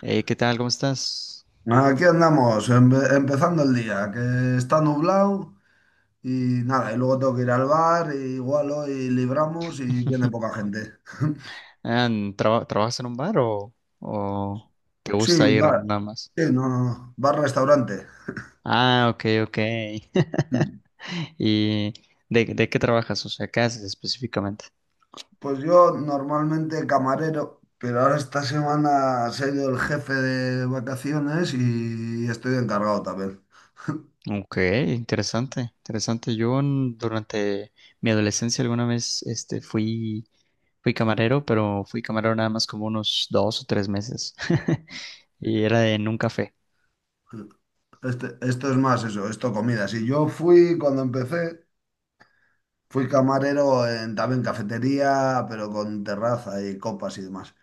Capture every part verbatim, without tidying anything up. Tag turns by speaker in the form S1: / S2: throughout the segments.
S1: Hey, ¿qué tal? ¿Cómo estás?
S2: Aquí andamos, empe- empezando el día, que está nublado y nada, y luego tengo que ir al bar, y igual hoy libramos y viene poca gente.
S1: Ah, ¿traba- ¿trabajas en un bar o, o te
S2: Sí,
S1: gusta ir
S2: bar,
S1: nada más?
S2: sí, no, no, no, bar-restaurante.
S1: Ah, ok, ok.
S2: Mm.
S1: ¿Y de, de qué trabajas? O sea, ¿qué haces específicamente?
S2: Pues yo normalmente camarero, pero ahora esta semana se ha ido el jefe de vacaciones y estoy encargado también.
S1: Ok, interesante, interesante. Yo en- durante mi adolescencia alguna vez este, fui, fui
S2: Mm.
S1: camarero, pero fui camarero nada más como unos dos o tres meses. Y era en un café.
S2: Este- esto es más eso, esto comida. Si yo fui cuando empecé. Fui camarero en, también cafetería, pero con terraza y copas y demás.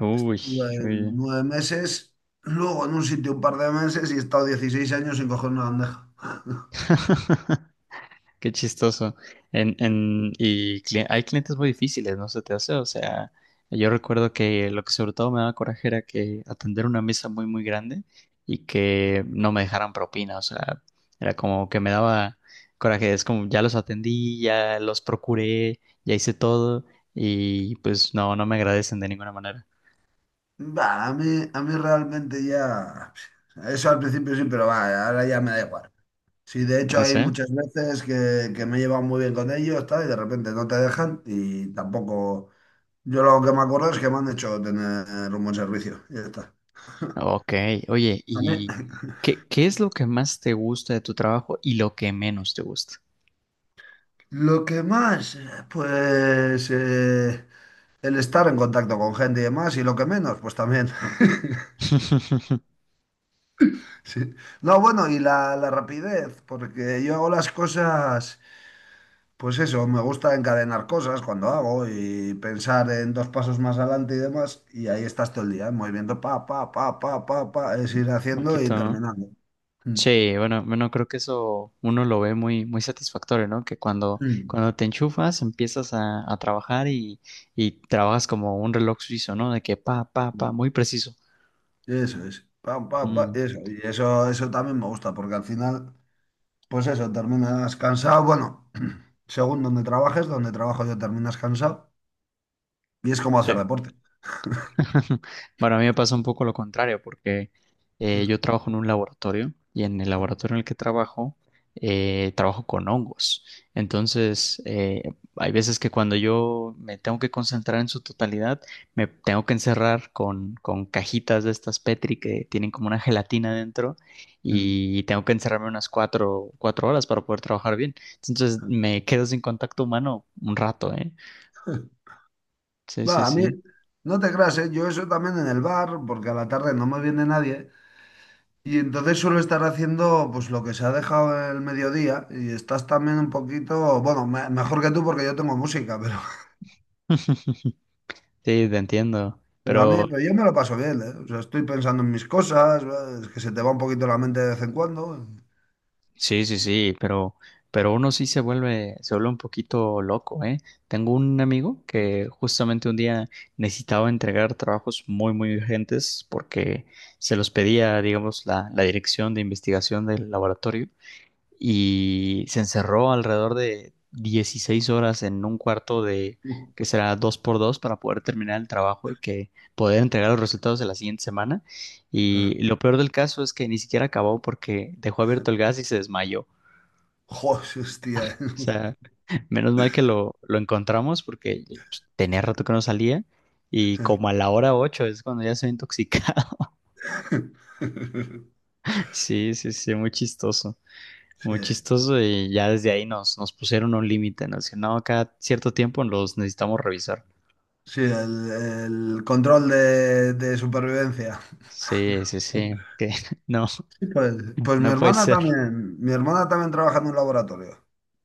S1: Uy,
S2: Estuve
S1: uy.
S2: nueve meses, luego en un sitio un par de meses y he estado dieciséis años sin coger una bandeja.
S1: Qué chistoso. En, en, y cli- hay clientes muy difíciles, ¿no se te hace? O sea, yo recuerdo que lo que sobre todo me daba coraje era que atender una mesa muy, muy grande y que no me dejaran propina. O sea, era como que me daba coraje. Es como ya los atendí, ya los procuré, ya hice todo y pues no, no me agradecen de ninguna manera.
S2: Va a mí, a mí realmente ya... Eso al principio sí, pero va, ahora ya me da igual. Sí, de hecho
S1: No
S2: hay
S1: sé.
S2: muchas veces que, que me he llevado muy bien con ellos, tal, y de repente no te dejan y tampoco... Yo lo que me acuerdo es que me han hecho tener un buen servicio. Y ya está.
S1: Ok, oye,
S2: A mí.
S1: ¿y qué, qué es lo que más te gusta de tu trabajo y lo que menos te gusta?
S2: Lo que más, eh, pues eh, el estar en contacto con gente y demás, y lo que menos, pues también. Sí. No, bueno, y la, la rapidez, porque yo hago las cosas, pues eso, me gusta encadenar cosas cuando hago y pensar en dos pasos más adelante y demás, y ahí estás todo el día, en movimiento, pa, pa, pa, pa, pa, pa, es ir haciendo y
S1: Poquito, ¿no?
S2: terminando. Mm,
S1: Sí, bueno, bueno, creo que eso uno lo ve muy, muy satisfactorio, ¿no? Que cuando,
S2: mm,
S1: cuando te enchufas, empiezas a, a trabajar y, y trabajas como un reloj suizo, ¿no? De que pa, pa, pa,
S2: mm.
S1: muy preciso.
S2: Eso es, pa, pa, pa,
S1: Mm,
S2: eso, y eso, eso también me gusta, porque al final... Pues eso, terminas cansado. Bueno, según donde trabajes, donde trabajo yo terminas cansado. Y es como hacer
S1: sí.
S2: deporte.
S1: Bueno, a mí me pasa un poco lo contrario, porque eh, yo
S2: Mm,
S1: trabajo en un laboratorio y en el laboratorio en el que trabajo, eh, trabajo con hongos. Entonces, eh, hay veces que cuando yo me tengo que concentrar en su totalidad, me tengo que encerrar con, con cajitas de estas Petri que tienen como una gelatina dentro
S2: mm.
S1: y tengo que encerrarme unas cuatro, cuatro horas para poder trabajar bien. Entonces, me quedo sin contacto humano un rato, ¿eh? Sí,
S2: Va,
S1: sí,
S2: a mí,
S1: sí.
S2: no te creas, ¿eh? Yo eso también en el bar, porque a la tarde no me viene nadie. Y entonces suelo estar haciendo pues lo que se ha dejado el mediodía. Y estás también un poquito, bueno, me- mejor que tú porque yo tengo música, pero,
S1: Sí, te entiendo.
S2: pero a mí,
S1: Pero
S2: pero yo me lo paso bien, ¿eh? O sea, estoy pensando en mis cosas, ¿eh?, es que se te va un poquito la mente de vez en cuando.
S1: sí, sí, sí, pero, pero uno sí se vuelve, se vuelve un poquito loco, ¿eh? Tengo un amigo que justamente un día necesitaba entregar trabajos muy, muy urgentes porque se los pedía, digamos, la, la dirección de investigación del laboratorio y se encerró alrededor de dieciséis horas en un cuarto de que será dos por dos para poder terminar el trabajo y que poder entregar los resultados de la siguiente semana. Y
S2: Joder,
S1: lo peor del caso es que ni siquiera acabó porque dejó abierto el gas y se desmayó. O
S2: hostia.
S1: sea, menos mal que lo, lo encontramos porque pues, tenía rato que no salía y como a la hora ocho es cuando ya se intoxica. Sí, sí, sí, muy chistoso.
S2: Sí,
S1: Muy chistoso y ya desde ahí nos, nos pusieron un límite, nos decían, no, cada cierto tiempo los necesitamos revisar.
S2: sí, el, el control de, de supervivencia.
S1: Sí, sí, sí, que no,
S2: Sí, pues, pues mi
S1: no puede
S2: hermana
S1: ser.
S2: también, mi hermana también trabaja en un laboratorio,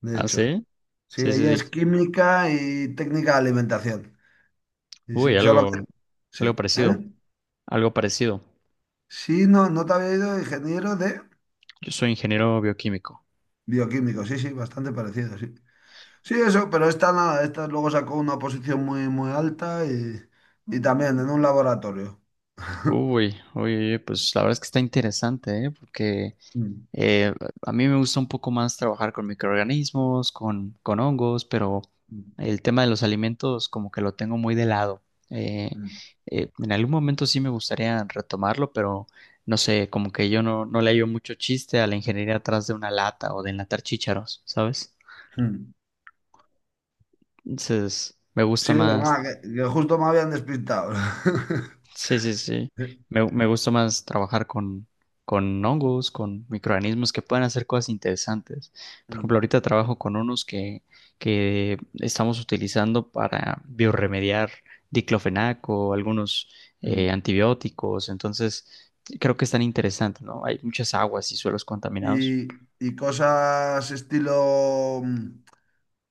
S2: de
S1: ¿Ah,
S2: hecho.
S1: sí?
S2: Sí,
S1: Sí, sí,
S2: ella es
S1: sí.
S2: química y técnica de alimentación. Y sí,
S1: Uy,
S2: solo
S1: algo,
S2: que- sí,
S1: algo parecido,
S2: ¿eh?
S1: algo parecido.
S2: Sí, no, no te había ido ingeniero de
S1: Yo soy ingeniero bioquímico.
S2: bioquímico, sí, sí, bastante parecido, sí. Sí, eso, pero esta nada, esta luego sacó una posición muy, muy alta y, y también en un laboratorio.
S1: Uy, uy, uy, pues la verdad es que está interesante, ¿eh? Porque
S2: Mm,
S1: Eh, a mí me gusta un poco más trabajar con microorganismos, con, con hongos, pero
S2: mm,
S1: el tema de los alimentos como que lo tengo muy de lado. Eh,
S2: mm.
S1: eh, en algún momento sí me gustaría retomarlo, pero no sé, como que yo no, no le hallo mucho chiste a la ingeniería atrás de una lata o de enlatar chícharos, ¿sabes?
S2: Mm.
S1: Entonces, me
S2: Sí,
S1: gusta
S2: ah,
S1: más.
S2: que, que justo me habían despistado.
S1: Sí, sí, sí.
S2: Sí.
S1: Me, me gusta más trabajar con, con hongos, con microorganismos que pueden hacer cosas interesantes. Por ejemplo,
S2: Mm,
S1: ahorita trabajo con unos que, que estamos utilizando para biorremediar diclofenaco, algunos eh,
S2: mm.
S1: antibióticos. Entonces, creo que es tan interesante, ¿no? Hay muchas aguas y suelos contaminados.
S2: Y, y cosas estilo... mm,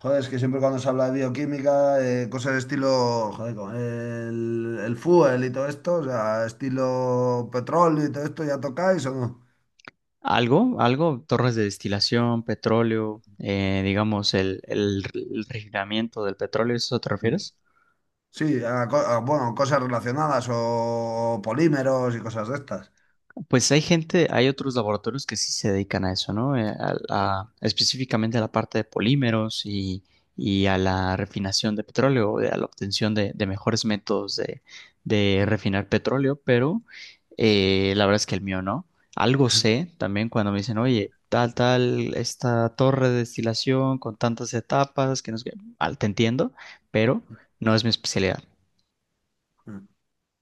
S2: joder, es que siempre cuando se habla de bioquímica, eh, cosas estilo, joder, como el, el fuel y todo esto, o sea, estilo petróleo y todo esto, ¿ya tocáis o no?
S1: Algo, algo, torres de destilación, petróleo, eh, digamos, el, el, el refinamiento del petróleo, ¿eso te
S2: Mm.
S1: refieres?
S2: Sí, a co- a, bueno, cosas relacionadas o polímeros y cosas de estas.
S1: Pues hay gente, hay otros laboratorios que sí se dedican a eso, ¿no? Eh, A, a- específicamente a la parte de polímeros y, y a la refinación de petróleo, eh, a la obtención de, de mejores métodos de, de
S2: Mm,
S1: refinar petróleo, pero eh, la verdad es que el mío no. Algo sé también cuando me dicen, oye, tal, tal, esta torre de destilación con tantas etapas, que no sé qué. Al- te entiendo, pero no es mi especialidad.
S2: mm.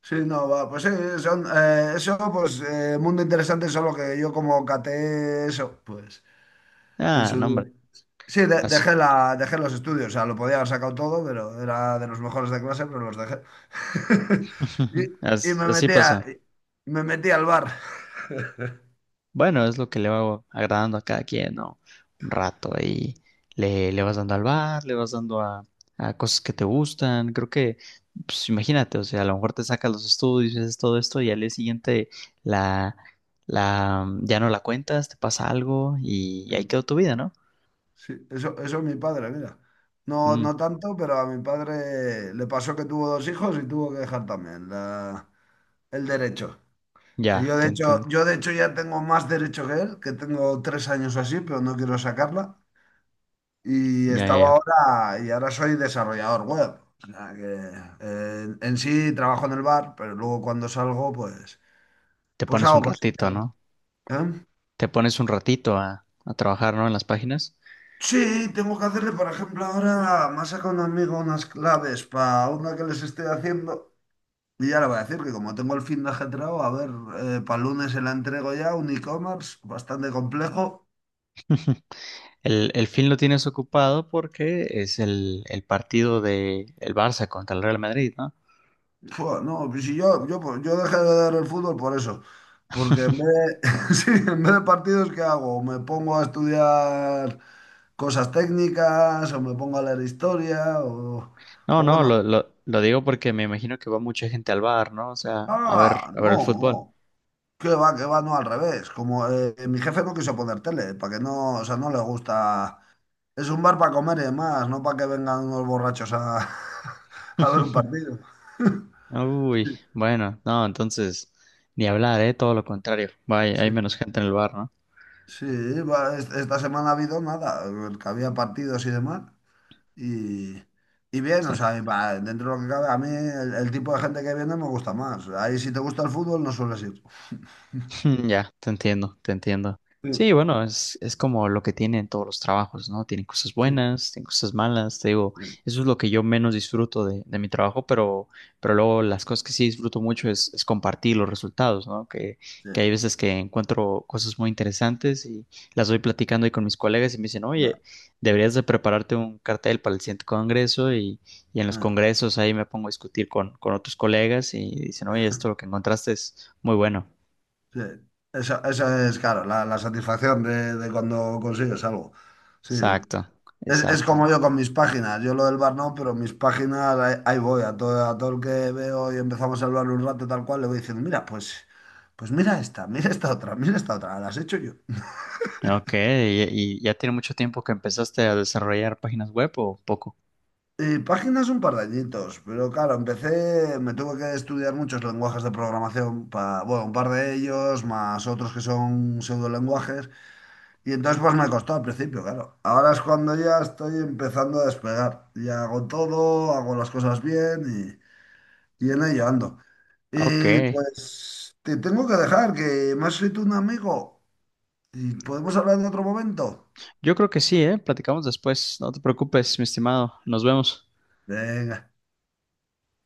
S2: Sí, no, va, pues sí, son, eh, eso, pues eh, mundo interesante, solo que yo como caté eso, pues en
S1: Ah,
S2: su
S1: no,
S2: día.
S1: hombre,
S2: Sí, de-
S1: así,
S2: dejé la, dejé los estudios, o sea, lo podía haber sacado todo, pero era de los mejores de clase, pero los dejé. Y, y
S1: as-
S2: me
S1: así
S2: metía,
S1: pasa.
S2: me metí al bar.
S1: Bueno, es lo que le va agradando a cada quien, ¿no? Un rato ahí le, le vas dando al bar, le vas dando a, a cosas que te gustan. Creo que, pues imagínate, o sea, a lo mejor te sacas los estudios, haces todo esto y al día siguiente la, la, mm, ya no la cuentas, te pasa algo y, y ahí
S2: Mm,
S1: quedó tu vida, ¿no?
S2: sí, eso, eso es mi padre, mira. No,
S1: Mm,
S2: no tanto, pero a mi padre le pasó que tuvo dos hijos y tuvo que dejar también la- el derecho. Que
S1: ya,
S2: yo de
S1: te
S2: hecho,
S1: entiendo.
S2: yo de hecho ya tengo más derecho que él, que tengo tres años o así, pero no quiero sacarla. Y
S1: Ya, ya,
S2: estaba
S1: ya.
S2: ahora, y ahora soy desarrollador web. O sea que eh, en, en sí trabajo en el bar, pero luego cuando salgo, pues,
S1: Te
S2: pues
S1: pones
S2: hago
S1: un
S2: cositas.
S1: ratito, ¿no?
S2: ¿Eh?
S1: Te pones un ratito a, a trabajar, ¿no? En las páginas.
S2: Sí, tengo que hacerle, por ejemplo, ahora me ha sacado un amigo unas claves para una que les estoy haciendo. Y ya le voy a decir que como tengo el fin de ajetreado, a ver, para lunes se la entrego ya, un e-commerce bastante complejo.
S1: El, el fin lo tienes ocupado porque es el, el partido de el Barça contra el Real Madrid, ¿no?
S2: Fua, no, pues si yo, yo, yo dejé de ver el fútbol por eso. Porque en vez de, sí, en vez de partidos, ¿qué hago? O me pongo a estudiar cosas técnicas, o me pongo a leer historia, o,
S1: No,
S2: o
S1: no,
S2: bueno.
S1: lo, lo, lo digo porque me imagino que va mucha gente al bar, ¿no? O sea, a ver,
S2: Ah,
S1: a ver
S2: no,
S1: el fútbol.
S2: que va, que va, no al revés. Como eh, mi jefe no quiso poner tele, para que no, o sea, no le gusta. Es un bar para comer y demás, no para que vengan unos borrachos a, a ver un partido.
S1: Uy,
S2: Sí,
S1: bueno, no, entonces, ni hablar, ¿eh? Todo lo contrario. Vaya, hay menos
S2: sí.
S1: gente en el bar, ¿no?
S2: Sí, va, es- esta semana ha habido nada, el que había partidos y demás. Y, y bien,
S1: Sí.
S2: o sea, y va, dentro de lo que cabe, a mí el, el tipo de gente que viene me gusta más. Ahí si te gusta el fútbol no sueles ir.
S1: Ya, te entiendo, te entiendo.
S2: Sí,
S1: Sí, bueno, es, es como lo que tienen todos los trabajos, ¿no? Tienen cosas
S2: sí,
S1: buenas, tienen cosas malas, te digo,
S2: sí,
S1: eso es lo que yo menos disfruto de, de mi trabajo, pero, pero luego las cosas que sí disfruto mucho es, es compartir los resultados, ¿no? Que,
S2: sí,
S1: que hay veces que encuentro cosas muy interesantes y las voy platicando ahí con mis colegas y me dicen,
S2: ya,
S1: oye, deberías de prepararte un cartel para el siguiente congreso y, y en los
S2: ja,
S1: congresos ahí me pongo a discutir con, con otros colegas y dicen, oye, esto lo que encontraste es muy bueno.
S2: sí. Esa, esa es, claro, la, la satisfacción de, de cuando consigues algo. Sí, sí.
S1: Exacto,
S2: Es, es
S1: exacto.
S2: como yo con mis páginas. Yo lo del bar no, pero mis páginas ahí, ahí voy. A todo, a todo el que veo y empezamos a hablar un rato tal cual, le voy diciendo, mira, pues, pues mira esta, mira esta otra, mira esta otra, las he hecho yo.
S1: Ok, y, y ya tiene mucho tiempo que empezaste a desarrollar páginas web o poco.
S2: Y páginas un par de añitos, pero claro, empecé, me tuve que estudiar muchos lenguajes de programación, para, bueno, un par de ellos, más otros que son pseudolenguajes, y entonces pues me costó al principio, claro. Ahora es cuando ya estoy empezando a despegar, ya hago todo, hago las cosas bien y, y en ello ando.
S1: Ok,
S2: Y pues te tengo que dejar, que me ha escrito un amigo. ¿Y podemos hablar en otro momento?
S1: yo creo que sí, ¿eh? Platicamos después, no te preocupes, mi estimado, nos vemos.
S2: Venga.